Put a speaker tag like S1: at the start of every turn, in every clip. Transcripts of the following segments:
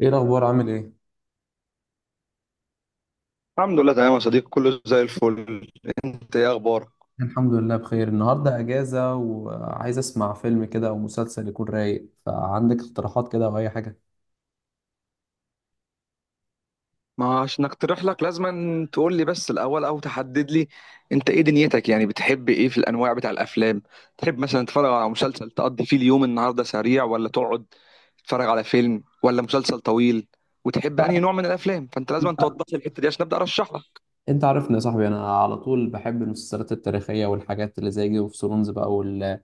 S1: ايه الاخبار؟ عامل ايه؟
S2: الحمد لله تمام يا صديقي، كله زي الفل. انت ايه اخبارك؟
S1: الحمد لله بخير. النهارده اجازه، وعايز اسمع فيلم كده او مسلسل يكون رايق. فعندك اقتراحات كده او اي حاجه؟
S2: ما عشان اقترح لك لازم تقول لي بس الاول او تحدد لي. انت ايه دنيتك؟ يعني بتحب ايه في الانواع بتاع الافلام؟ تحب مثلا تتفرج على مسلسل تقضي فيه اليوم النهارده سريع ولا تقعد تتفرج على فيلم ولا مسلسل طويل؟ وتحب
S1: يعني
S2: انهي نوع من الافلام؟ فانت لازم
S1: انت
S2: توضح لي الحته دي عشان ابدا ارشح لك.
S1: انت عارفني يا صاحبي، انا على طول بحب المسلسلات التاريخيه والحاجات اللي زي جيم اوف ثرونز بقى،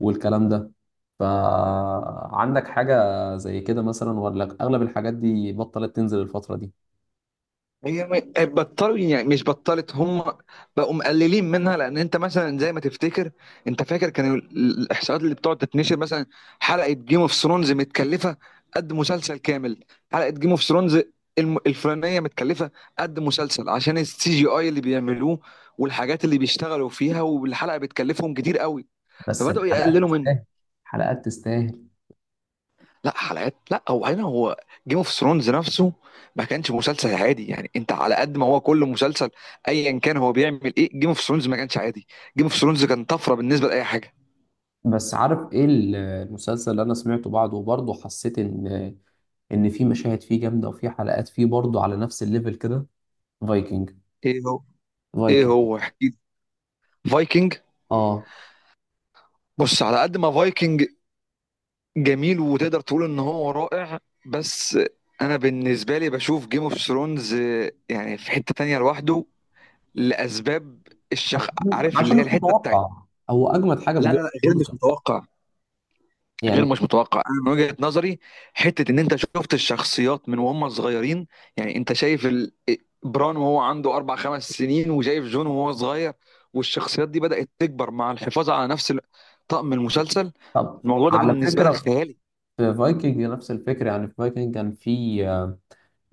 S1: والكلام ده. فعندك حاجه زي كده مثلا، ولا اغلب الحاجات دي بطلت تنزل الفتره دي؟
S2: هي م- آه، بطلوا يعني، مش بطلت هم، بقوا مقللين منها. لان انت مثلا زي ما تفتكر، انت فاكر الاحصاءات اللي بتقعد تتنشر مثلا، حلقه جيم اوف ثرونز متكلفه قد مسلسل كامل. حلقه جيم اوف ثرونز الفلانيه متكلفه قد مسلسل عشان السي جي اي اللي بيعملوه والحاجات اللي بيشتغلوا فيها، والحلقه بتكلفهم كتير قوي،
S1: بس
S2: فبداوا
S1: الحلقات
S2: يقللوا
S1: تستاهل.
S2: منه.
S1: الحلقات تستاهل.
S2: لا حلقات لا، هو جيم اوف ثرونز نفسه ما كانش مسلسل عادي. يعني انت على قد ما هو كل مسلسل ايا كان هو بيعمل ايه، جيم اوف ثرونز ما كانش عادي. جيم اوف ثرونز كان طفره بالنسبه لاي حاجه.
S1: بس عارف ايه المسلسل اللي انا سمعته بعده وبرضه حسيت ان في مشاهد فيه جامده وفي حلقات فيه برضه على نفس الليفل كده؟ فايكنج.
S2: ايه هو؟ ايه
S1: فايكنج.
S2: هو احكي؟ فايكنج؟
S1: اه.
S2: بص، على قد ما فايكنج جميل وتقدر تقول ان هو رائع، بس انا بالنسبه لي بشوف جيم اوف ثرونز يعني في حته تانية لوحده لاسباب. الشخ
S1: عشان
S2: عارف اللي
S1: عشان
S2: هي
S1: مش
S2: الحته بتاعت
S1: متوقع. هو اجمد حاجه في
S2: لا
S1: جيم
S2: لا لا، غير
S1: اوف
S2: مش
S1: ثرونز
S2: متوقع. غير
S1: يعني.
S2: مش متوقع، انا من وجهة نظري، حتة ان انت شفت الشخصيات من وهم صغيرين. يعني انت شايف بران وهو عنده اربع خمس سنين، وشايف جون وهو صغير، والشخصيات دي بدأت تكبر مع الحفاظ على نفس طقم المسلسل.
S1: طب
S2: الموضوع ده
S1: على
S2: بالنسبة لك
S1: فكره،
S2: خيالي.
S1: في فايكنج نفس الفكره، يعني في فايكنج كان في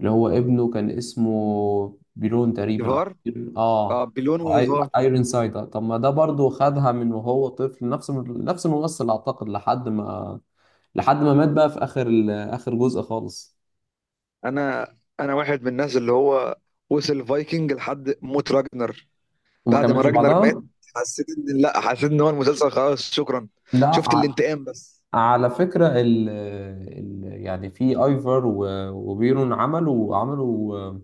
S1: اللي هو ابنه كان اسمه بيرون تقريبا او...
S2: ايفار. اه،
S1: اه.
S2: بليون وايفار.
S1: ايرون سايد. طب ما ده برضه خدها من وهو طفل، نفس الممثل اعتقد، لحد ما مات بقى في اخر اخر جزء خالص،
S2: انا انا واحد من الناس اللي هو وصل فايكنج لحد موت راجنر.
S1: وما
S2: بعد ما
S1: كملش
S2: راجنر مات،
S1: بعدها.
S2: حسيت ان لا حسيت ان هو المسلسل خلاص، شكرا.
S1: لا.
S2: شفت الانتقام بس.
S1: على فكرة ال يعني في ايفر وبيرون عملوا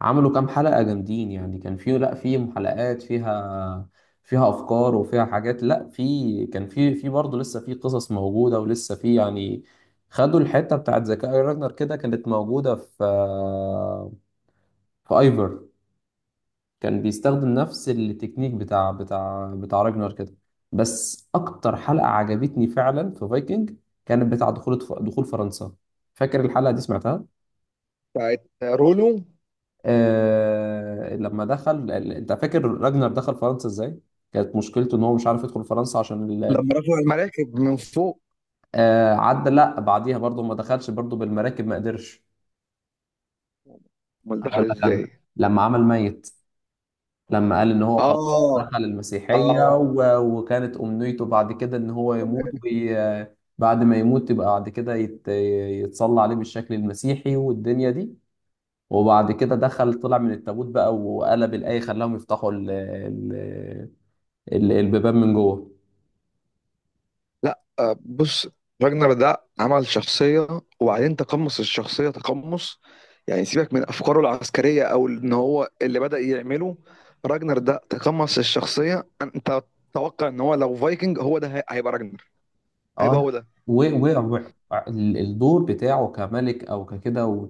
S1: عملوا كام حلقة جامدين، يعني كان في، لا، في حلقات فيها افكار وفيها حاجات. لا، في، كان في، برضه لسه في قصص موجودة ولسه في يعني، خدوا الحتة بتاعت ذكاء راجنر كده كانت موجودة في ايفر. كان بيستخدم نفس التكنيك بتاع راجنر كده. بس اكتر حلقة عجبتني فعلا في فايكنج كانت بتاع دخول فرنسا. فاكر الحلقة دي سمعتها؟
S2: بتاعت رولو؟
S1: لما دخل، انت فاكر راجنر دخل فرنسا ازاي؟ كانت مشكلته ان هو مش عارف يدخل فرنسا عشان
S2: لما رفعوا المراكب من فوق؟
S1: آه، عدى، لا بعديها برضه ما دخلش برضه بالمراكب، ما قدرش.
S2: امال
S1: اقول
S2: دخل
S1: لك
S2: ازاي؟
S1: انا، لما عمل ميت. لما قال ان هو خلاص
S2: اه،
S1: دخل المسيحية
S2: اه،
S1: وكانت أمنيته بعد كده ان هو يموت
S2: تمام.
S1: بعد ما يموت يبقى بعد كده يتصلى عليه بالشكل المسيحي والدنيا دي، وبعد كده دخل طلع من التابوت بقى، وقلب الآية، خلاهم يفتحوا البيبان من جوه.
S2: لا آه، بص، راجنر ده عمل شخصية، وبعدين تقمص الشخصية تقمص. يعني سيبك من أفكاره العسكرية أو إن هو اللي بدأ يعمله. راجنر ده تقمص الشخصية. أنت تتوقع إن هو لو فايكنج، هيبقى راجنر، هيبقى
S1: اه.
S2: هو ده.
S1: والدور بتاعه كملك او ككده،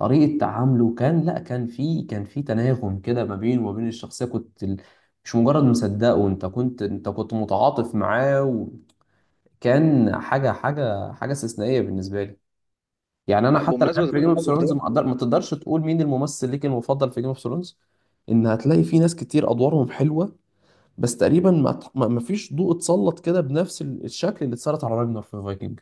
S1: وطريقه تعامله، كان، لا كان في، تناغم كده ما بينه وما بين الشخصيه. كنت مش مجرد مصدقه، انت كنت، انت كنت متعاطف معاه. وكان حاجه استثنائيه بالنسبه لي. يعني انا
S2: لا،
S1: حتى
S2: بمناسبة
S1: الان في جيم اوف
S2: التعاطف
S1: ثرونز
S2: ده،
S1: ما تقدرش تقول مين الممثل ليك المفضل في جيم اوف ثرونز. ان هتلاقي في ناس كتير ادوارهم حلوه، بس تقريبا ما فيش ضوء اتسلط كده بنفس الشكل اللي اتسلط على راجنر في فايكنج.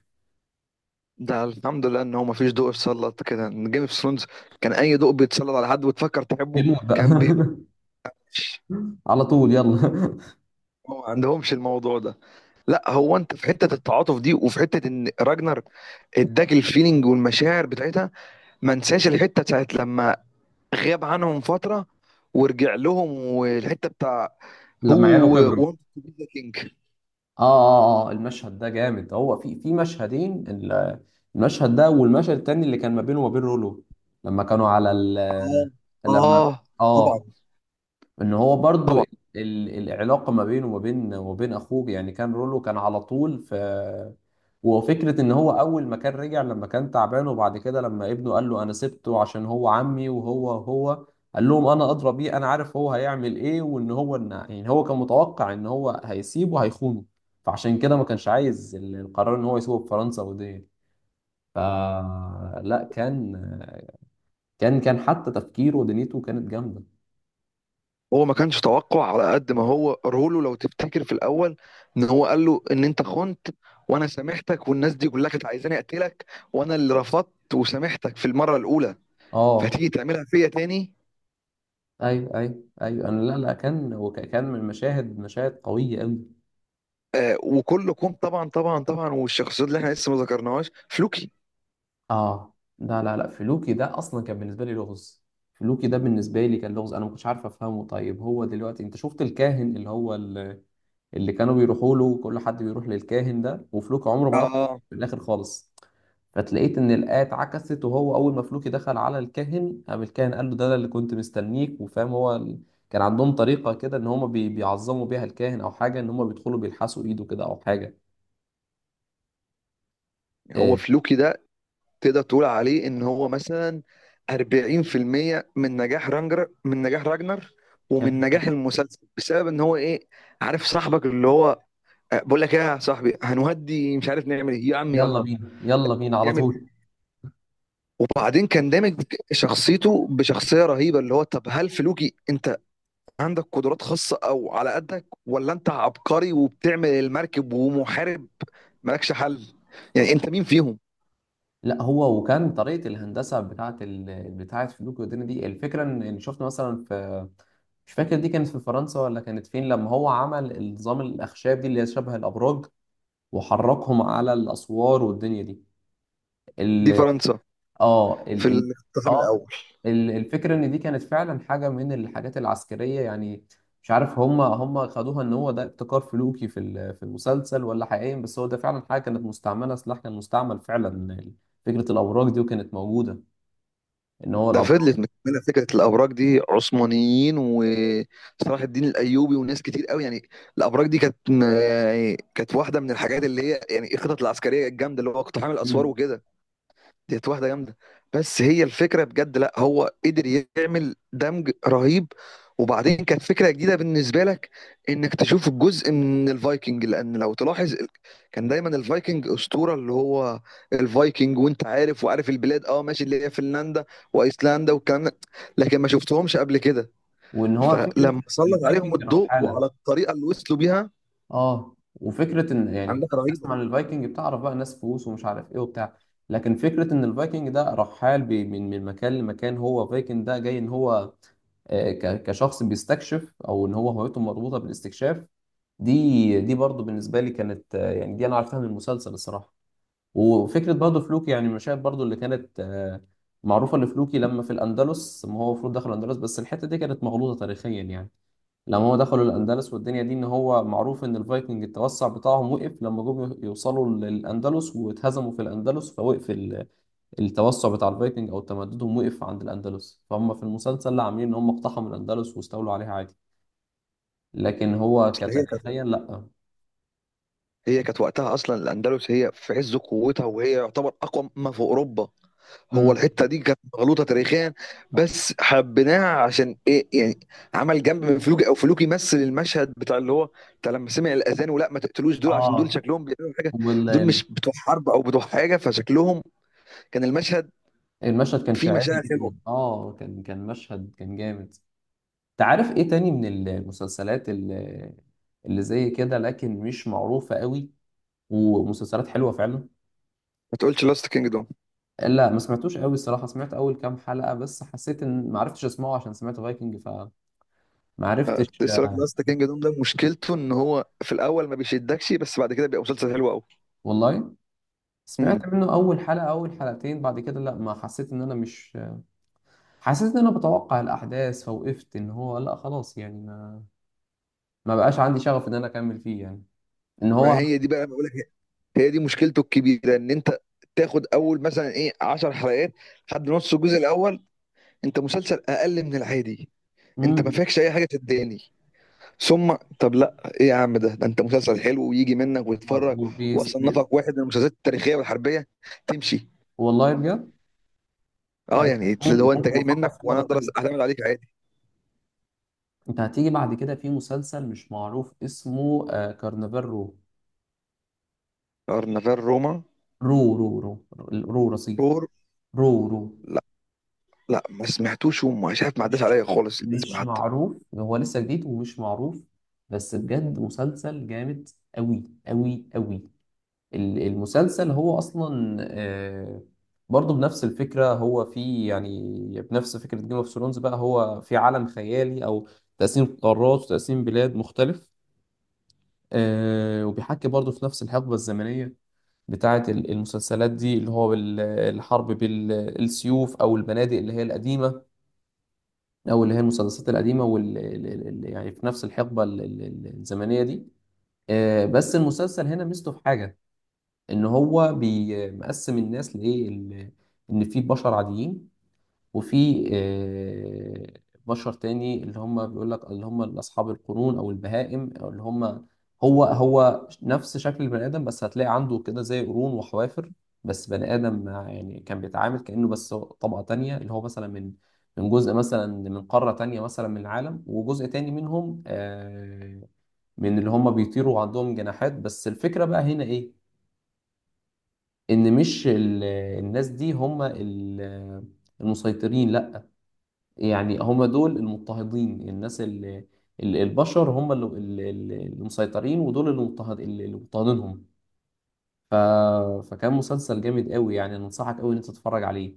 S2: ده الحمد لله إن هو مفيش ضوء اتسلط كده. إن جيم اوف ثرونز كان أي ضوء بيتسلط على حد وتفكر تحبه،
S1: بيموت بقى.
S2: كان بيمشي.
S1: على طول يلا.
S2: هو ما عندهمش الموضوع ده. لا، هو انت في حته التعاطف دي، وفي حته ان راجنر اداك الفيلينج والمشاعر بتاعتها. ما انساش الحته بتاعت لما غاب عنهم فتره ورجع لهم، والحته بتاع
S1: لما عياله
S2: هو
S1: كبروا.
S2: وانت تو بي ذا كينج.
S1: اه اه اه، المشهد ده جامد. هو في مشهدين، المشهد ده والمشهد التاني اللي كان ما بينه وما بين رولو، لما كانوا على ال...
S2: اه،
S1: لما،
S2: اه، طبعا،
S1: اه. ان هو برضو
S2: طبعا.
S1: العلاقه ما بينه وما بين، وبين اخوه، يعني كان رولو كان على طول في. وفكره ان هو اول ما كان رجع، لما كان تعبان، وبعد كده لما ابنه قال له انا سبته عشان هو عمي، وهو قال لهم انا ادرى بيه، انا عارف هو هيعمل ايه، وان هو إن، يعني هو كان متوقع ان هو هيسيبه هيخونه، فعشان كده ما كانش عايز القرار ان هو يسيبه في فرنسا ودي. فلا كان، حتى تفكيره ودنيته كانت جامده.
S2: هو ما كانش توقع، على قد ما هو رولو لو تفتكر في الاول، ان هو قال له ان انت خنت وانا سامحتك، والناس دي كلها كانت عايزاني اقتلك وانا اللي رفضت وسامحتك في المره الاولى،
S1: اه،
S2: فهتيجي تعملها فيا تاني؟
S1: ايوه ايوه ايوه. انا، لا لا، كان هو كان من مشاهد قويه قوي.
S2: وكلكم، طبعا طبعا طبعا. والشخصيات اللي احنا لسه ما ذكرناهاش، فلوكي.
S1: اه، لا لا لا، فلوكي ده اصلا كان بالنسبه لي لغز. فلوكي ده بالنسبه لي كان لغز، انا ما كنتش عارف افهمه. طيب، هو دلوقتي انت شفت الكاهن اللي هو اللي كانوا بيروحوا له، كل حد بيروح للكاهن ده وفلوكي عمره ما راح.
S2: اه،
S1: في الاخر خالص فتلاقيت ان الايه اتعكست، وهو اول ما فلوكي دخل على الكاهن قام الكاهن قال له ده أنا اللي كنت مستنيك، وفاهم هو كان عندهم طريقه كده ان هم بيعظموا بيها الكاهن او حاجه، ان هم بيدخلوا بيلحسوا ايده كده او حاجه.
S2: هو
S1: إيه.
S2: فلوكي ده تقدر تقول عليه ان هو مثلا 40% من نجاح رانجر، من نجاح راجنر، ومن نجاح المسلسل، بسبب ان هو ايه؟ عارف صاحبك اللي هو، بقول لك ايه يا صاحبي، هنهدي مش عارف نعمل ايه يا عم،
S1: يلا
S2: يلا
S1: بينا، يلا بينا، على
S2: اعمل.
S1: طول.
S2: وبعدين كان دامج شخصيته بشخصيه رهيبه، اللي هو طب هل فلوكي انت عندك قدرات خاصة أو على قدك، ولا أنت عبقري وبتعمل المركب ومحارب مالكش حل؟ يعني
S1: آه.
S2: أنت مين فيهم؟
S1: لا، هو وكان طريقه الهندسه بتاعه بتاعه فلوك والدنيا دي، الفكره ان، إن شفت مثلا في، مش فاكر دي كانت في فرنسا ولا كانت فين، لما هو عمل النظام، الاخشاب دي اللي هي شبه الابراج، وحركهم على الاسوار والدنيا دي.
S2: دي
S1: ال-
S2: فرنسا،
S1: اه
S2: في
S1: ال ال
S2: الاقتحام
S1: اه
S2: الأول.
S1: الفكرة ان دي كانت فعلا حاجة من الحاجات العسكرية، يعني مش عارف هم خدوها ان هو ده ابتكار فلوكي في في المسلسل، ولا حقيقيا، بس هو ده فعلا حاجة كانت مستعملة، سلاح كان مستعمل فعلا، فكرة الأبراج دي وكانت موجودة، ان هو
S2: ده
S1: الأبراج.
S2: فضلت مكملة فكرة الأبراج دي، عثمانيين وصلاح الدين الأيوبي وناس كتير قوي، يعني الأبراج دي كانت، يعني كانت واحدة من الحاجات اللي هي يعني الخطط العسكرية الجامدة اللي هو اقتحام الأسوار
S1: مم.
S2: وكده. ديت واحدة جامدة. بس هي الفكرة بجد لا، هو قدر يعمل دمج رهيب. وبعدين كانت فكرة جديدة بالنسبة لك انك تشوف الجزء من الفايكنج. لان لو تلاحظ كان دايما الفايكنج اسطورة اللي هو الفايكنج، وانت عارف وعارف البلاد، اه ماشي، اللي هي فنلندا وايسلندا والكلام ده، لكن ما شفتهمش قبل كده.
S1: وان هو فكرة
S2: فلما سلط عليهم
S1: الفايكنج
S2: الضوء
S1: رحالة.
S2: وعلى الطريقة اللي وصلوا بيها،
S1: اه، وفكره ان، يعني
S2: عندك
S1: الناس تسمع
S2: رهيبة.
S1: أوكي، عن الفايكنج، بتعرف بقى ناس فلوس ومش عارف ايه وبتاع، لكن فكره ان الفايكنج ده رحال، من مكان لمكان، هو فايكنج ده جاي ان هو، كشخص بيستكشف، او ان هو هويته مربوطه بالاستكشاف. دي برضو بالنسبه لي كانت، يعني دي انا عرفتها من المسلسل الصراحه. وفكره برضو فلوكي، يعني المشاهد برضو اللي كانت معروفه لفلوكي، لما في الاندلس، ما هو المفروض دخل الاندلس، بس الحته دي كانت مغلوطه تاريخيا يعني. لما هم دخلوا الأندلس والدنيا دي، إن هو معروف إن الفايكنج التوسع بتاعهم وقف لما جم يوصلوا للأندلس واتهزموا في الأندلس، فوقف التوسع بتاع الفايكنج أو تمددهم وقف عند الأندلس، فهم في المسلسل لا عاملين إن هم اقتحموا الأندلس واستولوا عليها عادي، لكن هو
S2: أصل هي كانت،
S1: كتاريخيا لا.
S2: هي كانت وقتها اصلا الاندلس هي في عز قوتها، وهي يعتبر اقوى ما في اوروبا. هو
S1: امم
S2: الحته دي كانت مغلوطه تاريخيا، بس حبيناها عشان ايه يعني. عمل جنب من فلوكي، او فلوكي يمثل المشهد بتاع اللي هو بتاع لما سمع الاذان، ولا ما تقتلوش دول عشان دول
S1: اه.
S2: شكلهم بيعملوا حاجه، دول
S1: والمشهد
S2: مش بتوع حرب او بتوع حاجه فشكلهم. كان المشهد
S1: كان
S2: فيه
S1: شاعري
S2: مشاعر حلوه.
S1: جدا، اه، كان مشهد كان جامد. تعرف ايه تاني من المسلسلات اللي، اللي زي كده، لكن مش معروفة قوي، ومسلسلات حلوة فعلا؟
S2: ما تقولش لاست كينجدوم؟
S1: لا، ما سمعتوش قوي الصراحه، سمعت اول كام حلقه بس، حسيت ان، ما عرفتش اسمعه عشان سمعت فايكنج، فما
S2: كنت
S1: عرفتش.
S2: لسه لك. لاست كينجدوم ده مشكلته ان هو في الاول ما بيشدكش، بس بعد كده بيبقى مسلسل حلو قوي.
S1: والله
S2: مم.
S1: سمعت منه اول حلقه، اول حلقتين، بعد كده لا، ما حسيت ان انا مش، حسيت ان انا بتوقع الاحداث، فوقفت ان هو لا خلاص، يعني ما، ما بقاش عندي شغف ان انا اكمل فيه يعني، ان
S2: ما
S1: هو.
S2: هي دي بقى، بقول لك هي، هي دي مشكلته الكبيره، ان انت تاخد اول مثلا ايه 10 حلقات لحد نص الجزء الاول، انت مسلسل اقل من العادي، انت ما
S1: امم
S2: فيكش اي حاجه تداني. ثم طب لا ايه يا عم، ده انت مسلسل حلو ويجي منك ويتفرج،
S1: وبيس.
S2: واصنفك واحد من المسلسلات التاريخيه والحربيه، تمشي.
S1: والله بجد.
S2: اه،
S1: لا،
S2: يعني
S1: ممكن
S2: اللي هو انت
S1: ممكن
S2: جاي
S1: افكر
S2: منك،
S1: فيه
S2: وانا
S1: مره
S2: اقدر
S1: تانية.
S2: اعتمد عليك عادي.
S1: انت هتيجي بعد كده في مسلسل مش معروف اسمه، كارنفال رو.
S2: كارنفال روما.
S1: رو رو رو رصيف،
S2: رور.
S1: رو رو
S2: لا، لا ما سمعتوش، ومش عارف، ما عداش
S1: مش
S2: عليا خالص الاسم
S1: مش
S2: حتى.
S1: معروف، هو لسه جديد ومش معروف، بس بجد مسلسل جامد أوي أوي أوي. المسلسل هو أصلا، برضه بنفس الفكرة، هو في، يعني بنفس فكرة جيم اوف ثرونز بقى، هو في عالم خيالي، أو تقسيم قارات وتقسيم بلاد مختلف، وبيحكي برضه في نفس الحقبة الزمنية بتاعة المسلسلات دي، اللي هو الحرب بالسيوف، أو المبادئ اللي هي القديمة، او اللي هي المسلسلات القديمه واللي يعني في نفس الحقبه الزمنيه دي. بس المسلسل هنا ميزته في حاجه، ان هو بيقسم الناس لايه، ان في بشر عاديين، وفي بشر تاني اللي هم، بيقول لك اللي هم اصحاب القرون او البهائم، او اللي هم، هو نفس شكل البني ادم، بس هتلاقي عنده كده زي قرون وحوافر، بس بني ادم يعني كان بيتعامل كانه بس طبقه تانية، اللي هو مثلا من، من جزء مثلا من قاره تانية مثلا من العالم، وجزء تاني منهم من اللي هم بيطيروا وعندهم جناحات. بس الفكره بقى هنا ايه، ان مش الناس دي هم المسيطرين، لا. يعني هم دول المضطهدين، الناس اللي البشر هم اللي اللي- اللي مسيطرين، ودول اللي مضطهد، اللي مضطهدينهم. ف... فكان مسلسل جامد قوي يعني، أنا انصحك قوي ان انت تتفرج عليه.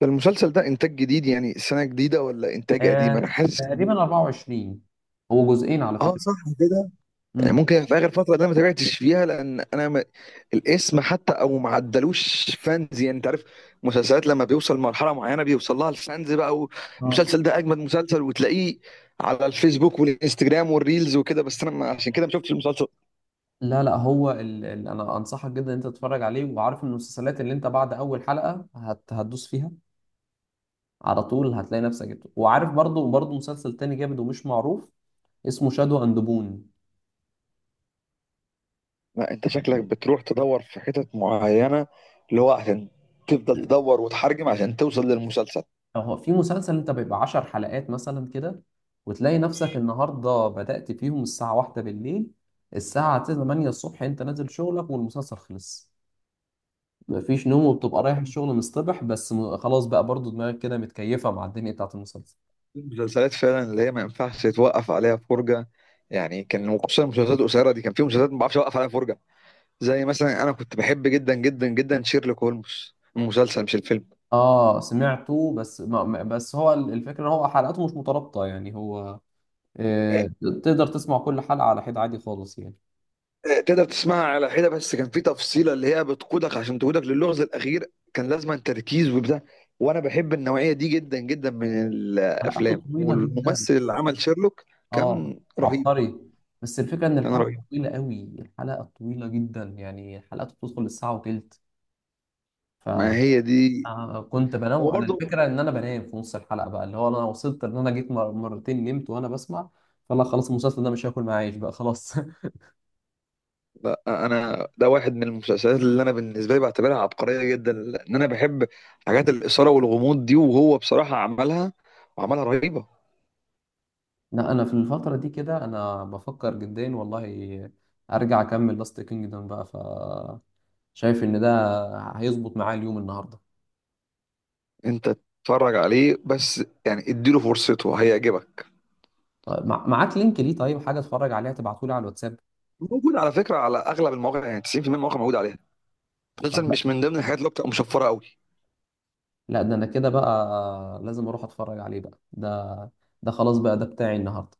S2: ده المسلسل ده انتاج جديد، يعني سنه جديده، ولا انتاج قديم؟ انا حاسس ان
S1: تقريبا
S2: هو.
S1: 24. هو جزئين على
S2: اه،
S1: فكرة.
S2: صح، كده. يعني
S1: امم
S2: ممكن في اخر فتره ده ما تابعتش فيها، لان انا ما الاسم حتى، او ما عدلوش فانز، يعني انت عارف، مسلسلات لما بيوصل مرحله معينه بيوصل لها الفانز بقى،
S1: اه.
S2: والمسلسل ده اجمد مسلسل وتلاقيه على الفيسبوك والانستجرام والريلز وكده، بس انا ما عشان كده ما شفتش المسلسل.
S1: لا، لا هو انا انصحك جدا ان انت تتفرج عليه، وعارف ان المسلسلات اللي انت بعد اول حلقة هتدوس فيها على طول، هتلاقي نفسك جبته. وعارف برضو، مسلسل تاني جامد ومش معروف، اسمه شادو اند بون.
S2: لا انت شكلك بتروح تدور في حتت معينه، اللي هو عشان تفضل تدور وتحرجم عشان توصل للمسلسل.
S1: هو في مسلسل انت بيبقى عشر حلقات مثلا كده، وتلاقي نفسك النهارده بدأت فيهم الساعة واحدة بالليل، الساعة تمانية الصبح انت نازل شغلك والمسلسل خلص، مفيش نوم، وبتبقى رايح الشغل مصطبح بس، خلاص بقى، برضو دماغك كده متكيفة مع الدنيا بتاعت المسلسل.
S2: المسلسلات فعلا اللي هي ما ينفعش تتوقف عليها فرجه، يعني كان، وخصوصا المسلسلات القصيره دي، كان في مسلسلات ما بعرفش اوقف عليها فرجه. زي مثلا انا كنت بحب جدا جدا جدا شيرلوك هولمز، المسلسل مش الفيلم.
S1: اه، سمعته، بس ما بس هو الفكرة ان هو حلقاته مش مترابطة، يعني هو،
S2: إيه.
S1: آه تقدر تسمع كل حلقة على حد عادي خالص يعني.
S2: إيه، تقدر تسمعها على حده، بس كان في تفصيله اللي هي بتقودك، عشان تقودك للغز الاخير كان لازم تركيز وبتاع، وانا بحب النوعيه دي جدا جدا من
S1: حلقاته
S2: الافلام.
S1: طويلة جدا.
S2: والممثل اللي عمل شيرلوك
S1: اه.
S2: كان رهيب.
S1: عبقري. بس الفكره ان
S2: كان
S1: الحلقه
S2: رهيب.
S1: طويله قوي، الحلقه طويله جدا، يعني الحلقه بتدخل الساعه وتلت. ف،
S2: ما هي دي.
S1: كنت بنام
S2: هو
S1: انا،
S2: برضو.
S1: الفكره ان انا بنام في نص الحلقه بقى، اللي هو انا وصلت ان انا جيت مرتين نمت وانا بسمع، فلا، خلاص المسلسل ده مش هاكل معاه عيش بقى خلاص.
S2: لا انا ده واحد من المسلسلات اللي انا بالنسبه لي بعتبرها عبقريه جدا، لان انا بحب حاجات الاثاره والغموض دي، وهو بصراحه عملها وعملها رهيبه.
S1: لا، انا في الفتره دي كده انا بفكر جدا والله ارجع اكمل لاست كينجدم بقى، ف، شايف ان ده هيظبط معايا اليوم النهارده.
S2: انت اتفرج عليه بس، يعني اديله فرصته هيعجبك.
S1: طيب، معاك لينك ليه طيب، حاجه اتفرج عليها، تبعتولي على الواتساب.
S2: موجود على فكره على اغلب المواقع، يعني 90% من المواقع موجود عليها.
S1: طب
S2: مسلسل مش من ضمن الحاجات اللي بتبقى مشفره قوي.
S1: لا، ده انا كده بقى لازم اروح اتفرج عليه بقى ده. ده خلاص بقى ده بتاعي النهارده.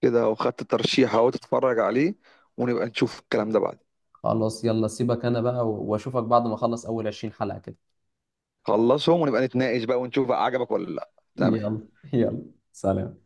S2: كده وخدت ترشيح اهو، تتفرج عليه ونبقى نشوف الكلام ده بعد.
S1: خلاص يلا، سيبك انا بقى، واشوفك بعد ما اخلص اول 20 حلقة كده.
S2: خلصهم ونبقى نتناقش بقى، ونشوف بقى عجبك ولا لا. تمام.
S1: يلا. يلا. سلام.